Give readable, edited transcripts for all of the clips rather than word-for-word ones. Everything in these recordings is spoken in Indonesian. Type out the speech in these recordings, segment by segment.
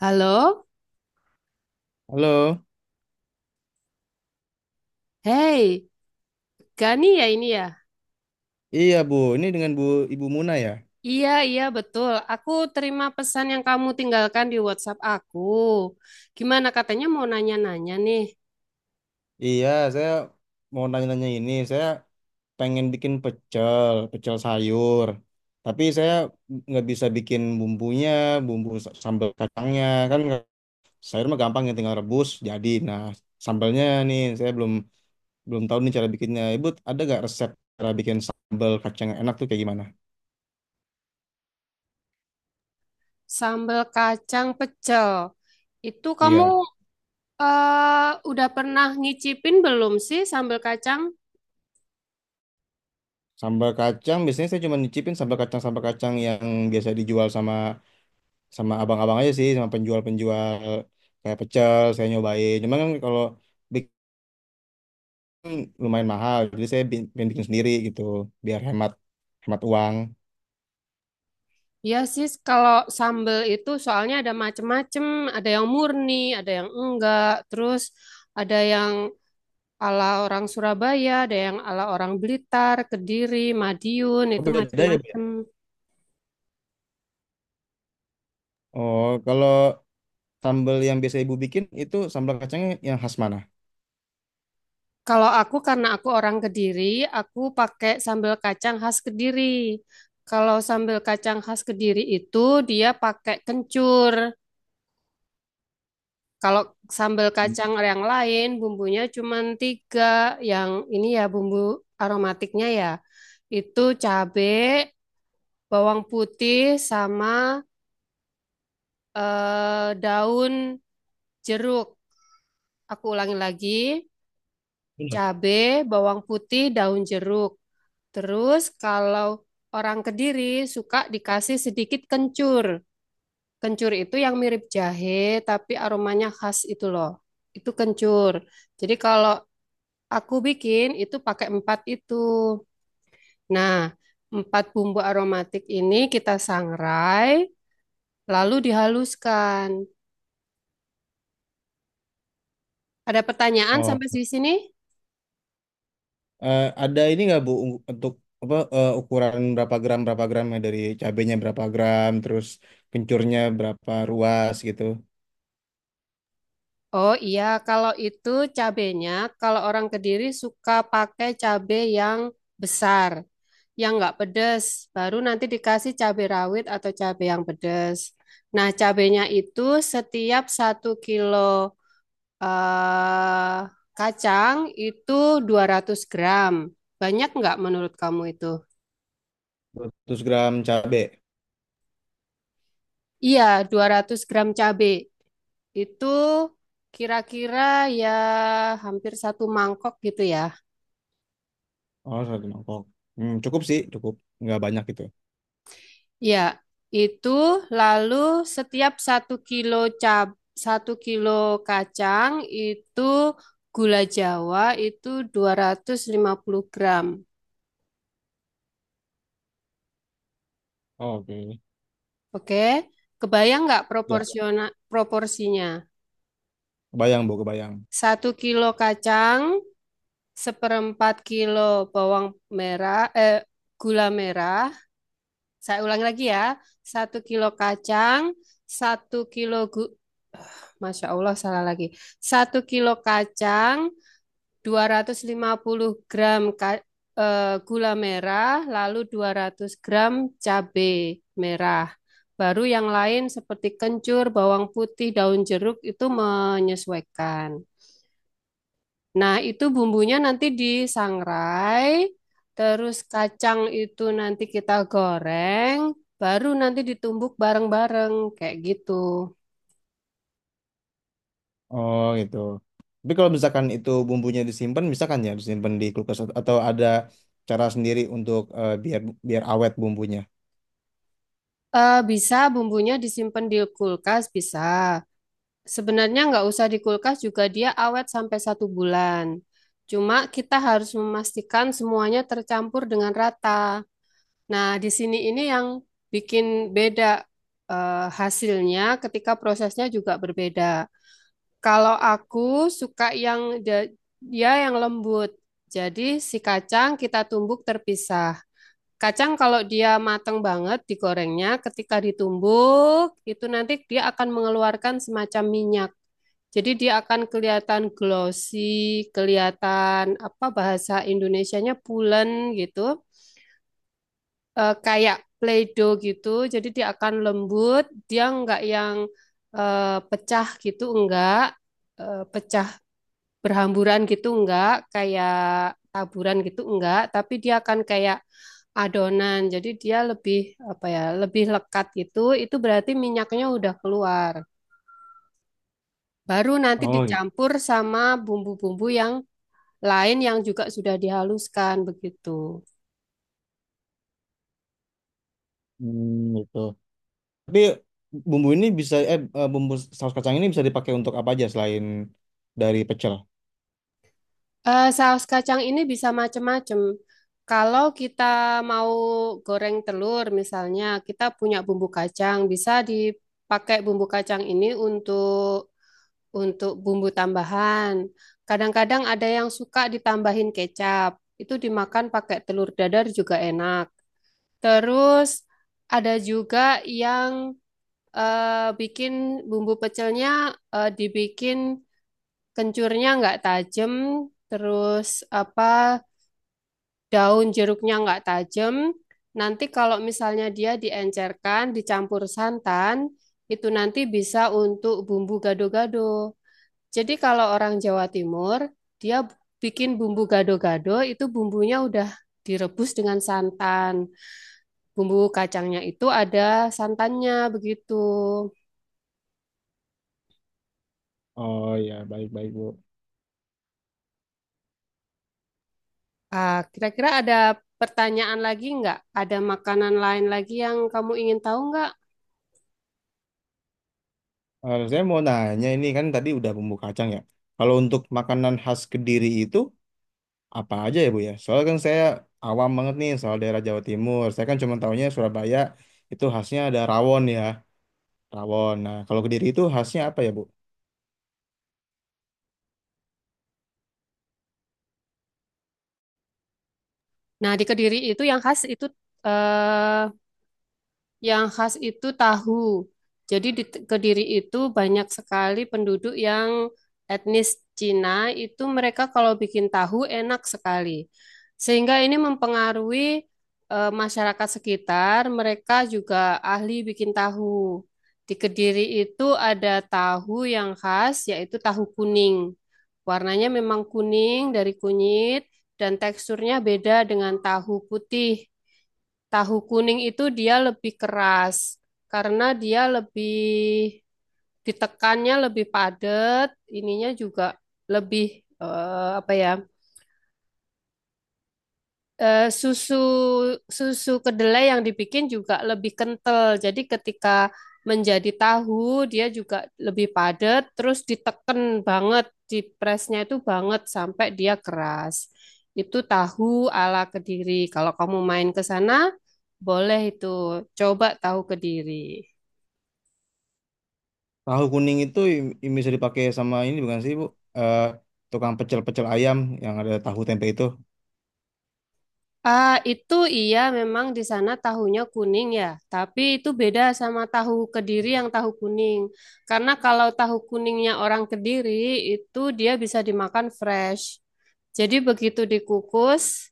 Halo, Halo, hey, Gani ya ini ya? iya Bu, ini dengan Ibu Muna ya? Iya, iya betul. Aku terima pesan yang kamu tinggalkan di WhatsApp aku. Gimana katanya mau nanya-nanya nih, Iya, saya mau nanya-nanya ini, saya pengen bikin pecel, pecel sayur. Tapi saya nggak bisa bikin bumbunya, sambal kacangnya, kan nggak- sayur mah gampang ya tinggal rebus jadi. Nah, sambalnya nih saya belum belum tahu nih cara bikinnya. Ibu ada nggak resep cara bikin sambal kacang yang enak tuh kayak gimana? sambal kacang pecel. Itu kamu Iya. Udah pernah ngicipin belum sih sambal kacang? Sambal kacang biasanya saya cuma nyicipin sambal kacang yang biasa dijual sama sama abang-abang aja sih, sama penjual-penjual kayak pecel saya nyobain, cuman kan kalau bikin lumayan mahal, jadi pengen bikin sendiri gitu, biar hemat hemat uang. Iya sih, kalau sambal itu soalnya ada macem-macem, ada yang murni, ada yang enggak, terus ada yang ala orang Surabaya, ada yang ala orang Blitar, Kediri, Madiun, Oh, itu beda ya, Bu, ya? macam-macam. Oh, kalau sambal yang biasa ibu bikin itu sambal kacangnya yang khas mana? Kalau aku karena aku orang Kediri, aku pakai sambal kacang khas Kediri. Kalau sambal kacang khas Kediri itu dia pakai kencur. Kalau sambal Hmm. kacang yang lain bumbunya cuma tiga, yang ini ya bumbu aromatiknya ya. Itu cabai, bawang putih sama daun jeruk. Aku ulangi lagi. Cabai, bawang putih, daun jeruk. Terus kalau orang Kediri suka dikasih sedikit kencur. Kencur itu yang mirip jahe tapi aromanya khas itu loh. Itu kencur. Jadi kalau aku bikin itu pakai empat itu. Nah, empat bumbu aromatik ini kita sangrai lalu dihaluskan. Ada pertanyaan Oh, sampai di sini? Ada ini nggak bu untuk ukuran berapa gram ya? Dari cabenya berapa gram, terus kencurnya berapa ruas gitu. Oh iya, kalau itu cabenya, kalau orang Kediri suka pakai cabe yang besar, yang nggak pedes, baru nanti dikasih cabe rawit atau cabe yang pedes. Nah, cabenya itu setiap satu kilo eh, kacang itu 200 gram. Banyak nggak menurut kamu itu? 200 gram cabe? Iya, 200 gram cabe itu kira-kira ya hampir satu mangkok gitu ya. Oh, satu mangkok. Hmm, cukup sih, cukup. Nggak banyak gitu. Ya, itu lalu setiap satu kilo cab satu kilo kacang itu gula Jawa itu 250 gram. Oh, oke. Oke, kebayang nggak Ya, proporsional proporsinya? kebayang, Bu, kebayang. Satu kilo kacang, seperempat kilo bawang merah, eh, gula merah. Saya ulangi lagi ya, satu kilo kacang, satu kilo gu, Masya Allah salah lagi. Satu kilo kacang, 250 gram gula merah, lalu 200 gram cabai merah. Baru yang lain seperti kencur, bawang putih, daun jeruk itu menyesuaikan. Nah, itu bumbunya nanti disangrai, terus kacang itu nanti kita goreng, baru nanti ditumbuk bareng-bareng kayak gitu. Oh, gitu. Tapi kalau misalkan itu bumbunya disimpan, misalkan ya disimpan di kulkas, atau ada cara sendiri untuk biar biar awet bumbunya. Bisa bumbunya disimpan di kulkas, bisa. Sebenarnya nggak usah di kulkas juga dia awet sampai satu bulan. Cuma kita harus memastikan semuanya tercampur dengan rata. Nah, di sini ini yang bikin beda hasilnya ketika prosesnya juga berbeda. Kalau aku suka yang ja- dia yang lembut. Jadi si kacang kita tumbuk terpisah. Kacang kalau dia mateng banget digorengnya, ketika ditumbuk itu nanti dia akan mengeluarkan semacam minyak. Jadi dia akan kelihatan glossy, kelihatan apa bahasa Indonesianya pulen gitu, kayak Play-Doh gitu. Jadi dia akan lembut, dia nggak yang pecah gitu, enggak. Pecah berhamburan gitu, enggak kayak taburan gitu, enggak. Tapi dia akan kayak adonan, jadi dia lebih apa ya, lebih lekat gitu. Itu berarti minyaknya udah keluar. Baru nanti Oh, gitu. dicampur sama bumbu-bumbu yang lain yang juga sudah dihaluskan begitu. Hmm, gitu. Tapi bumbu ini bisa, bumbu saus kacang ini bisa dipakai untuk apa aja selain dari pecel? Saus kacang ini bisa macam-macam. Kalau kita mau goreng telur misalnya, kita punya bumbu kacang, bisa dipakai bumbu kacang ini untuk bumbu tambahan. Kadang-kadang ada yang suka ditambahin kecap. Itu dimakan pakai telur dadar juga enak. Terus ada juga yang bikin bumbu pecelnya dibikin kencurnya nggak tajam, terus apa daun jeruknya nggak tajam. Nanti kalau misalnya dia diencerkan, dicampur santan, itu nanti bisa untuk bumbu gado-gado. Jadi kalau orang Jawa Timur, dia bikin bumbu gado-gado itu bumbunya udah direbus dengan santan. Bumbu kacangnya itu ada santannya begitu. Oh ya, baik-baik, Bu. Ah, kira-kira ada pertanyaan lagi nggak? Ada makanan lain lagi yang kamu ingin tahu nggak? Eh, saya mau nanya ini, kan tadi udah bumbu kacang ya. Kalau untuk makanan khas Kediri itu apa aja ya Bu ya? Soalnya kan saya awam banget nih soal daerah Jawa Timur. Saya kan cuma tahunya Surabaya itu khasnya ada rawon ya, rawon. Nah, kalau Kediri itu khasnya apa ya Bu? Nah, di Kediri itu yang khas itu eh, Yang khas itu tahu. Jadi di Kediri itu banyak sekali penduduk yang etnis Cina, itu mereka kalau bikin tahu enak sekali. Sehingga ini mempengaruhi masyarakat sekitar, mereka juga ahli bikin tahu. Di Kediri itu ada tahu yang khas, yaitu tahu kuning. Warnanya memang kuning dari kunyit dan teksturnya beda dengan tahu putih. Tahu kuning itu dia lebih keras karena dia lebih ditekannya lebih padat, ininya juga lebih apa ya? Susu susu kedelai yang dibikin juga lebih kental. Jadi ketika menjadi tahu dia juga lebih padat, terus diteken banget, di presnya itu banget sampai dia keras. Itu tahu ala Kediri. Kalau kamu main ke sana, boleh itu coba tahu Kediri. Tahu kuning itu bisa dipakai sama ini bukan sih Bu? Eh, tukang pecel-pecel ayam yang ada tahu tempe itu. Ah, itu iya memang di sana tahunya kuning ya, tapi itu beda sama tahu Kediri yang tahu kuning. Karena kalau tahu kuningnya orang Kediri itu dia bisa dimakan fresh. Jadi begitu dikukus,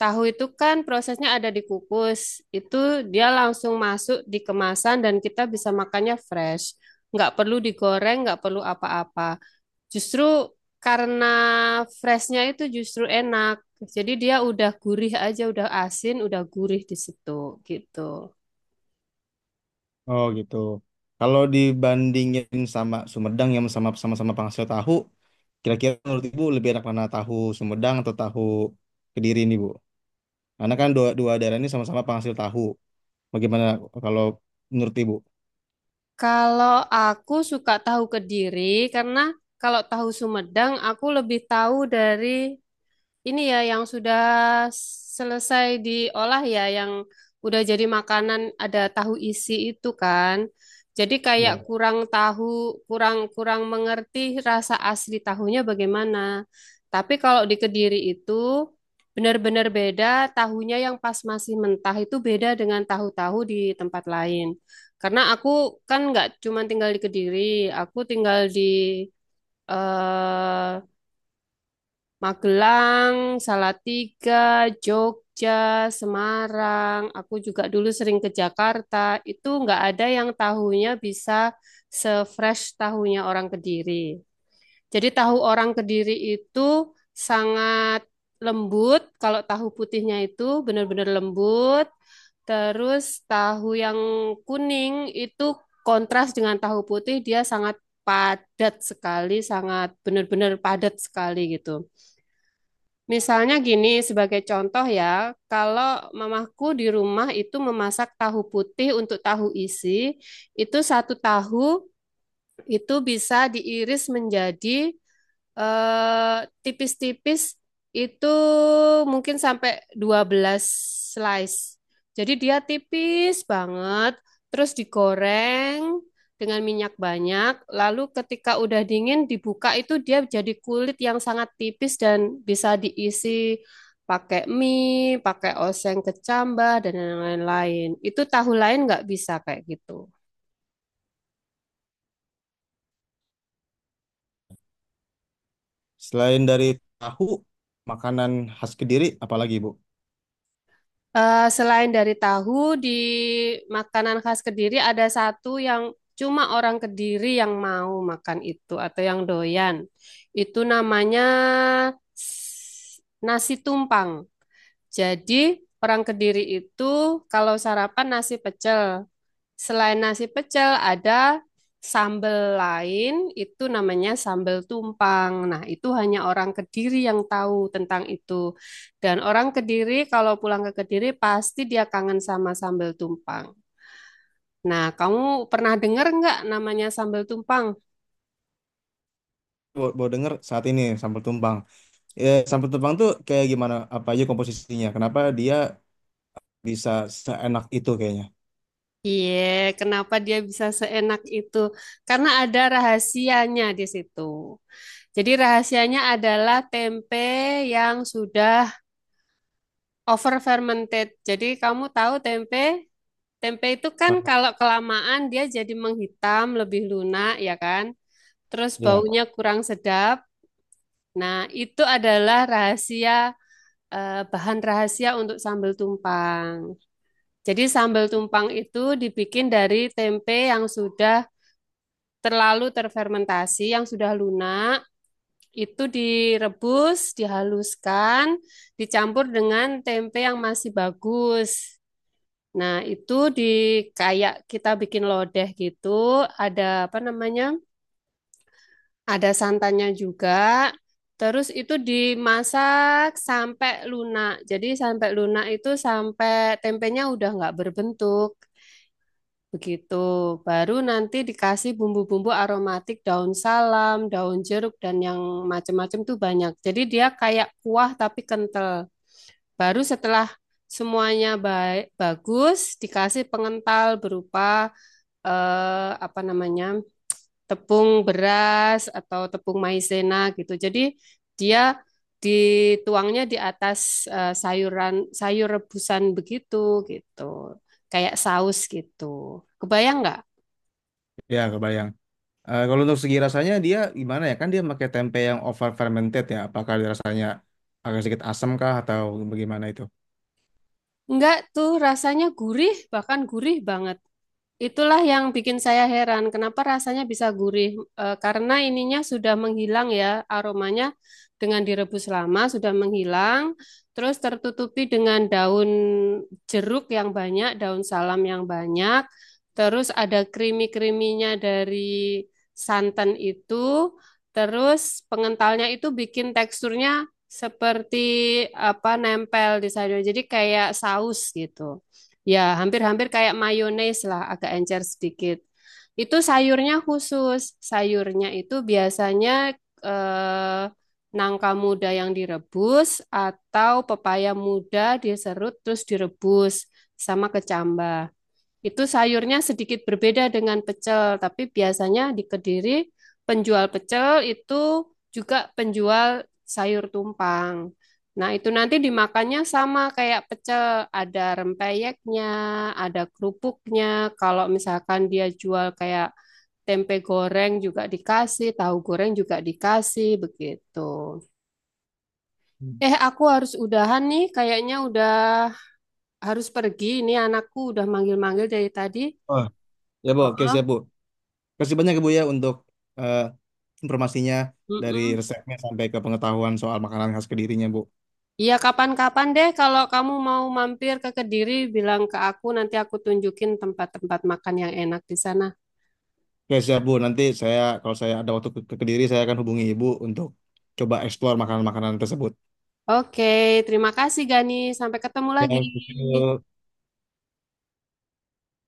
tahu itu kan prosesnya ada dikukus. Itu dia langsung masuk di kemasan dan kita bisa makannya fresh. Nggak perlu digoreng, nggak perlu apa-apa. Justru karena freshnya itu justru enak. Jadi dia udah gurih aja, udah asin, udah gurih di situ gitu. Oh gitu. Kalau dibandingin sama Sumedang yang sama-sama penghasil tahu, kira-kira menurut Ibu lebih enak mana tahu Sumedang atau tahu Kediri ini Bu? Karena kan dua daerah ini sama-sama penghasil tahu. Bagaimana kalau menurut Ibu? Kalau aku suka tahu Kediri karena kalau tahu Sumedang aku lebih tahu dari ini ya yang sudah selesai diolah ya yang udah jadi makanan ada tahu isi itu kan. Jadi kayak Ya. kurang tahu, kurang kurang mengerti rasa asli tahunya bagaimana. Tapi kalau di Kediri itu benar-benar beda tahunya yang pas masih mentah itu beda dengan tahu-tahu di tempat lain. Karena aku kan nggak cuma tinggal di Kediri, aku tinggal di eh, Magelang, Salatiga, Jogja, Semarang. Aku juga dulu sering ke Jakarta. Itu nggak ada yang tahunya bisa se-fresh tahunya orang Kediri. Jadi tahu orang Kediri itu sangat lembut. Kalau tahu putihnya itu benar-benar lembut. Terus tahu yang kuning itu kontras dengan tahu putih dia sangat padat sekali, sangat benar-benar padat sekali gitu. Misalnya gini, sebagai contoh ya, kalau mamaku di rumah itu memasak tahu putih untuk tahu isi, itu satu tahu itu bisa diiris menjadi eh tipis-tipis itu mungkin sampai 12 slice. Jadi dia tipis banget, terus digoreng dengan minyak banyak, lalu ketika udah dingin dibuka itu dia jadi kulit yang sangat tipis dan bisa diisi pakai mie, pakai oseng kecambah dan yang lain-lain. Itu tahu lain nggak bisa kayak gitu. Selain dari tahu, makanan khas Kediri, apalagi Bu? Selain dari tahu, di makanan khas Kediri ada satu yang cuma orang Kediri yang mau makan itu atau yang doyan. Itu namanya s- nasi tumpang. Jadi orang Kediri itu kalau sarapan nasi pecel, selain nasi pecel, ada sambal lain, itu namanya sambal tumpang. Nah, itu hanya orang Kediri yang tahu tentang itu. Dan orang Kediri kalau pulang ke Kediri pasti dia kangen sama sambal tumpang. Nah, kamu pernah dengar nggak namanya sambal tumpang? Bawa denger saat ini sambal tumpang. Ya, sambal tumpang tuh kayak gimana? Apa aja komposisinya? Kenapa dia bisa seenak itu kayaknya? Iya, kenapa dia bisa seenak itu? Karena ada rahasianya di situ. Jadi rahasianya adalah tempe yang sudah over fermented. Jadi kamu tahu tempe? Tempe itu Ah. kan kalau kelamaan dia jadi menghitam, lebih lunak ya kan? Terus Ya, baunya kurang sedap. Nah, itu adalah rahasia bahan rahasia untuk sambal tumpang. Jadi sambal tumpang itu dibikin dari tempe yang sudah terlalu terfermentasi, yang sudah lunak. Itu direbus, dihaluskan, dicampur dengan tempe yang masih bagus. Nah, itu di kayak kita bikin lodeh gitu, ada apa namanya? Ada santannya juga. Terus itu dimasak sampai lunak. Jadi sampai lunak itu sampai tempenya udah nggak berbentuk. Begitu. Baru nanti dikasih bumbu-bumbu aromatik daun salam, daun jeruk dan yang macam macam tuh banyak. Jadi dia kayak kuah tapi kental. Baru setelah semuanya baik bagus dikasih pengental berupa apa namanya tepung beras atau tepung maizena gitu. Jadi dia dituangnya di atas sayuran sayur rebusan begitu gitu, kayak saus gitu. Kebayang nggak? ya kebayang. Eh, kalau untuk segi rasanya dia gimana ya? Kan dia pakai tempe yang over fermented ya. Apakah dia rasanya agak sedikit asam kah atau bagaimana itu? Nggak tuh rasanya gurih, bahkan gurih banget. Itulah yang bikin saya heran, kenapa rasanya bisa gurih? Karena ininya sudah menghilang ya, aromanya dengan direbus lama sudah menghilang, terus tertutupi dengan daun jeruk yang banyak, daun salam yang banyak, terus ada krimi-kriminya dari santan itu, terus pengentalnya itu bikin teksturnya seperti apa nempel di sayur, jadi kayak saus gitu. Ya, hampir-hampir kayak mayones lah, agak encer sedikit. Itu sayurnya khusus. Sayurnya itu biasanya eh, nangka muda yang direbus atau pepaya muda diserut terus direbus sama kecambah. Itu sayurnya sedikit berbeda dengan pecel, tapi biasanya di Kediri penjual pecel itu juga penjual sayur tumpang. Nah, itu nanti dimakannya sama kayak pecel, ada rempeyeknya, ada kerupuknya. Kalau misalkan dia jual kayak tempe goreng juga dikasih, tahu goreng juga dikasih, begitu. Hmm. Aku harus udahan nih, kayaknya udah harus pergi. Ini anakku udah manggil-manggil dari tadi. Oh, ya Bu, oke Heeh. siap Bu. Kasih banyak ya, Bu ya untuk eh, informasinya, dari Mm-mm. resepnya sampai ke pengetahuan soal makanan khas Kedirinya, Bu. Iya, kapan-kapan deh kalau kamu mau mampir ke Kediri, bilang ke aku, nanti aku tunjukin tempat-tempat makan yang enak di sana. Oke, siap, Bu. Nanti saya kalau saya ada waktu ke Kediri, saya akan hubungi Ibu untuk coba eksplor makanan-makanan tersebut. Oke, terima kasih Gani. Sampai ketemu Ya, lagi. gitu.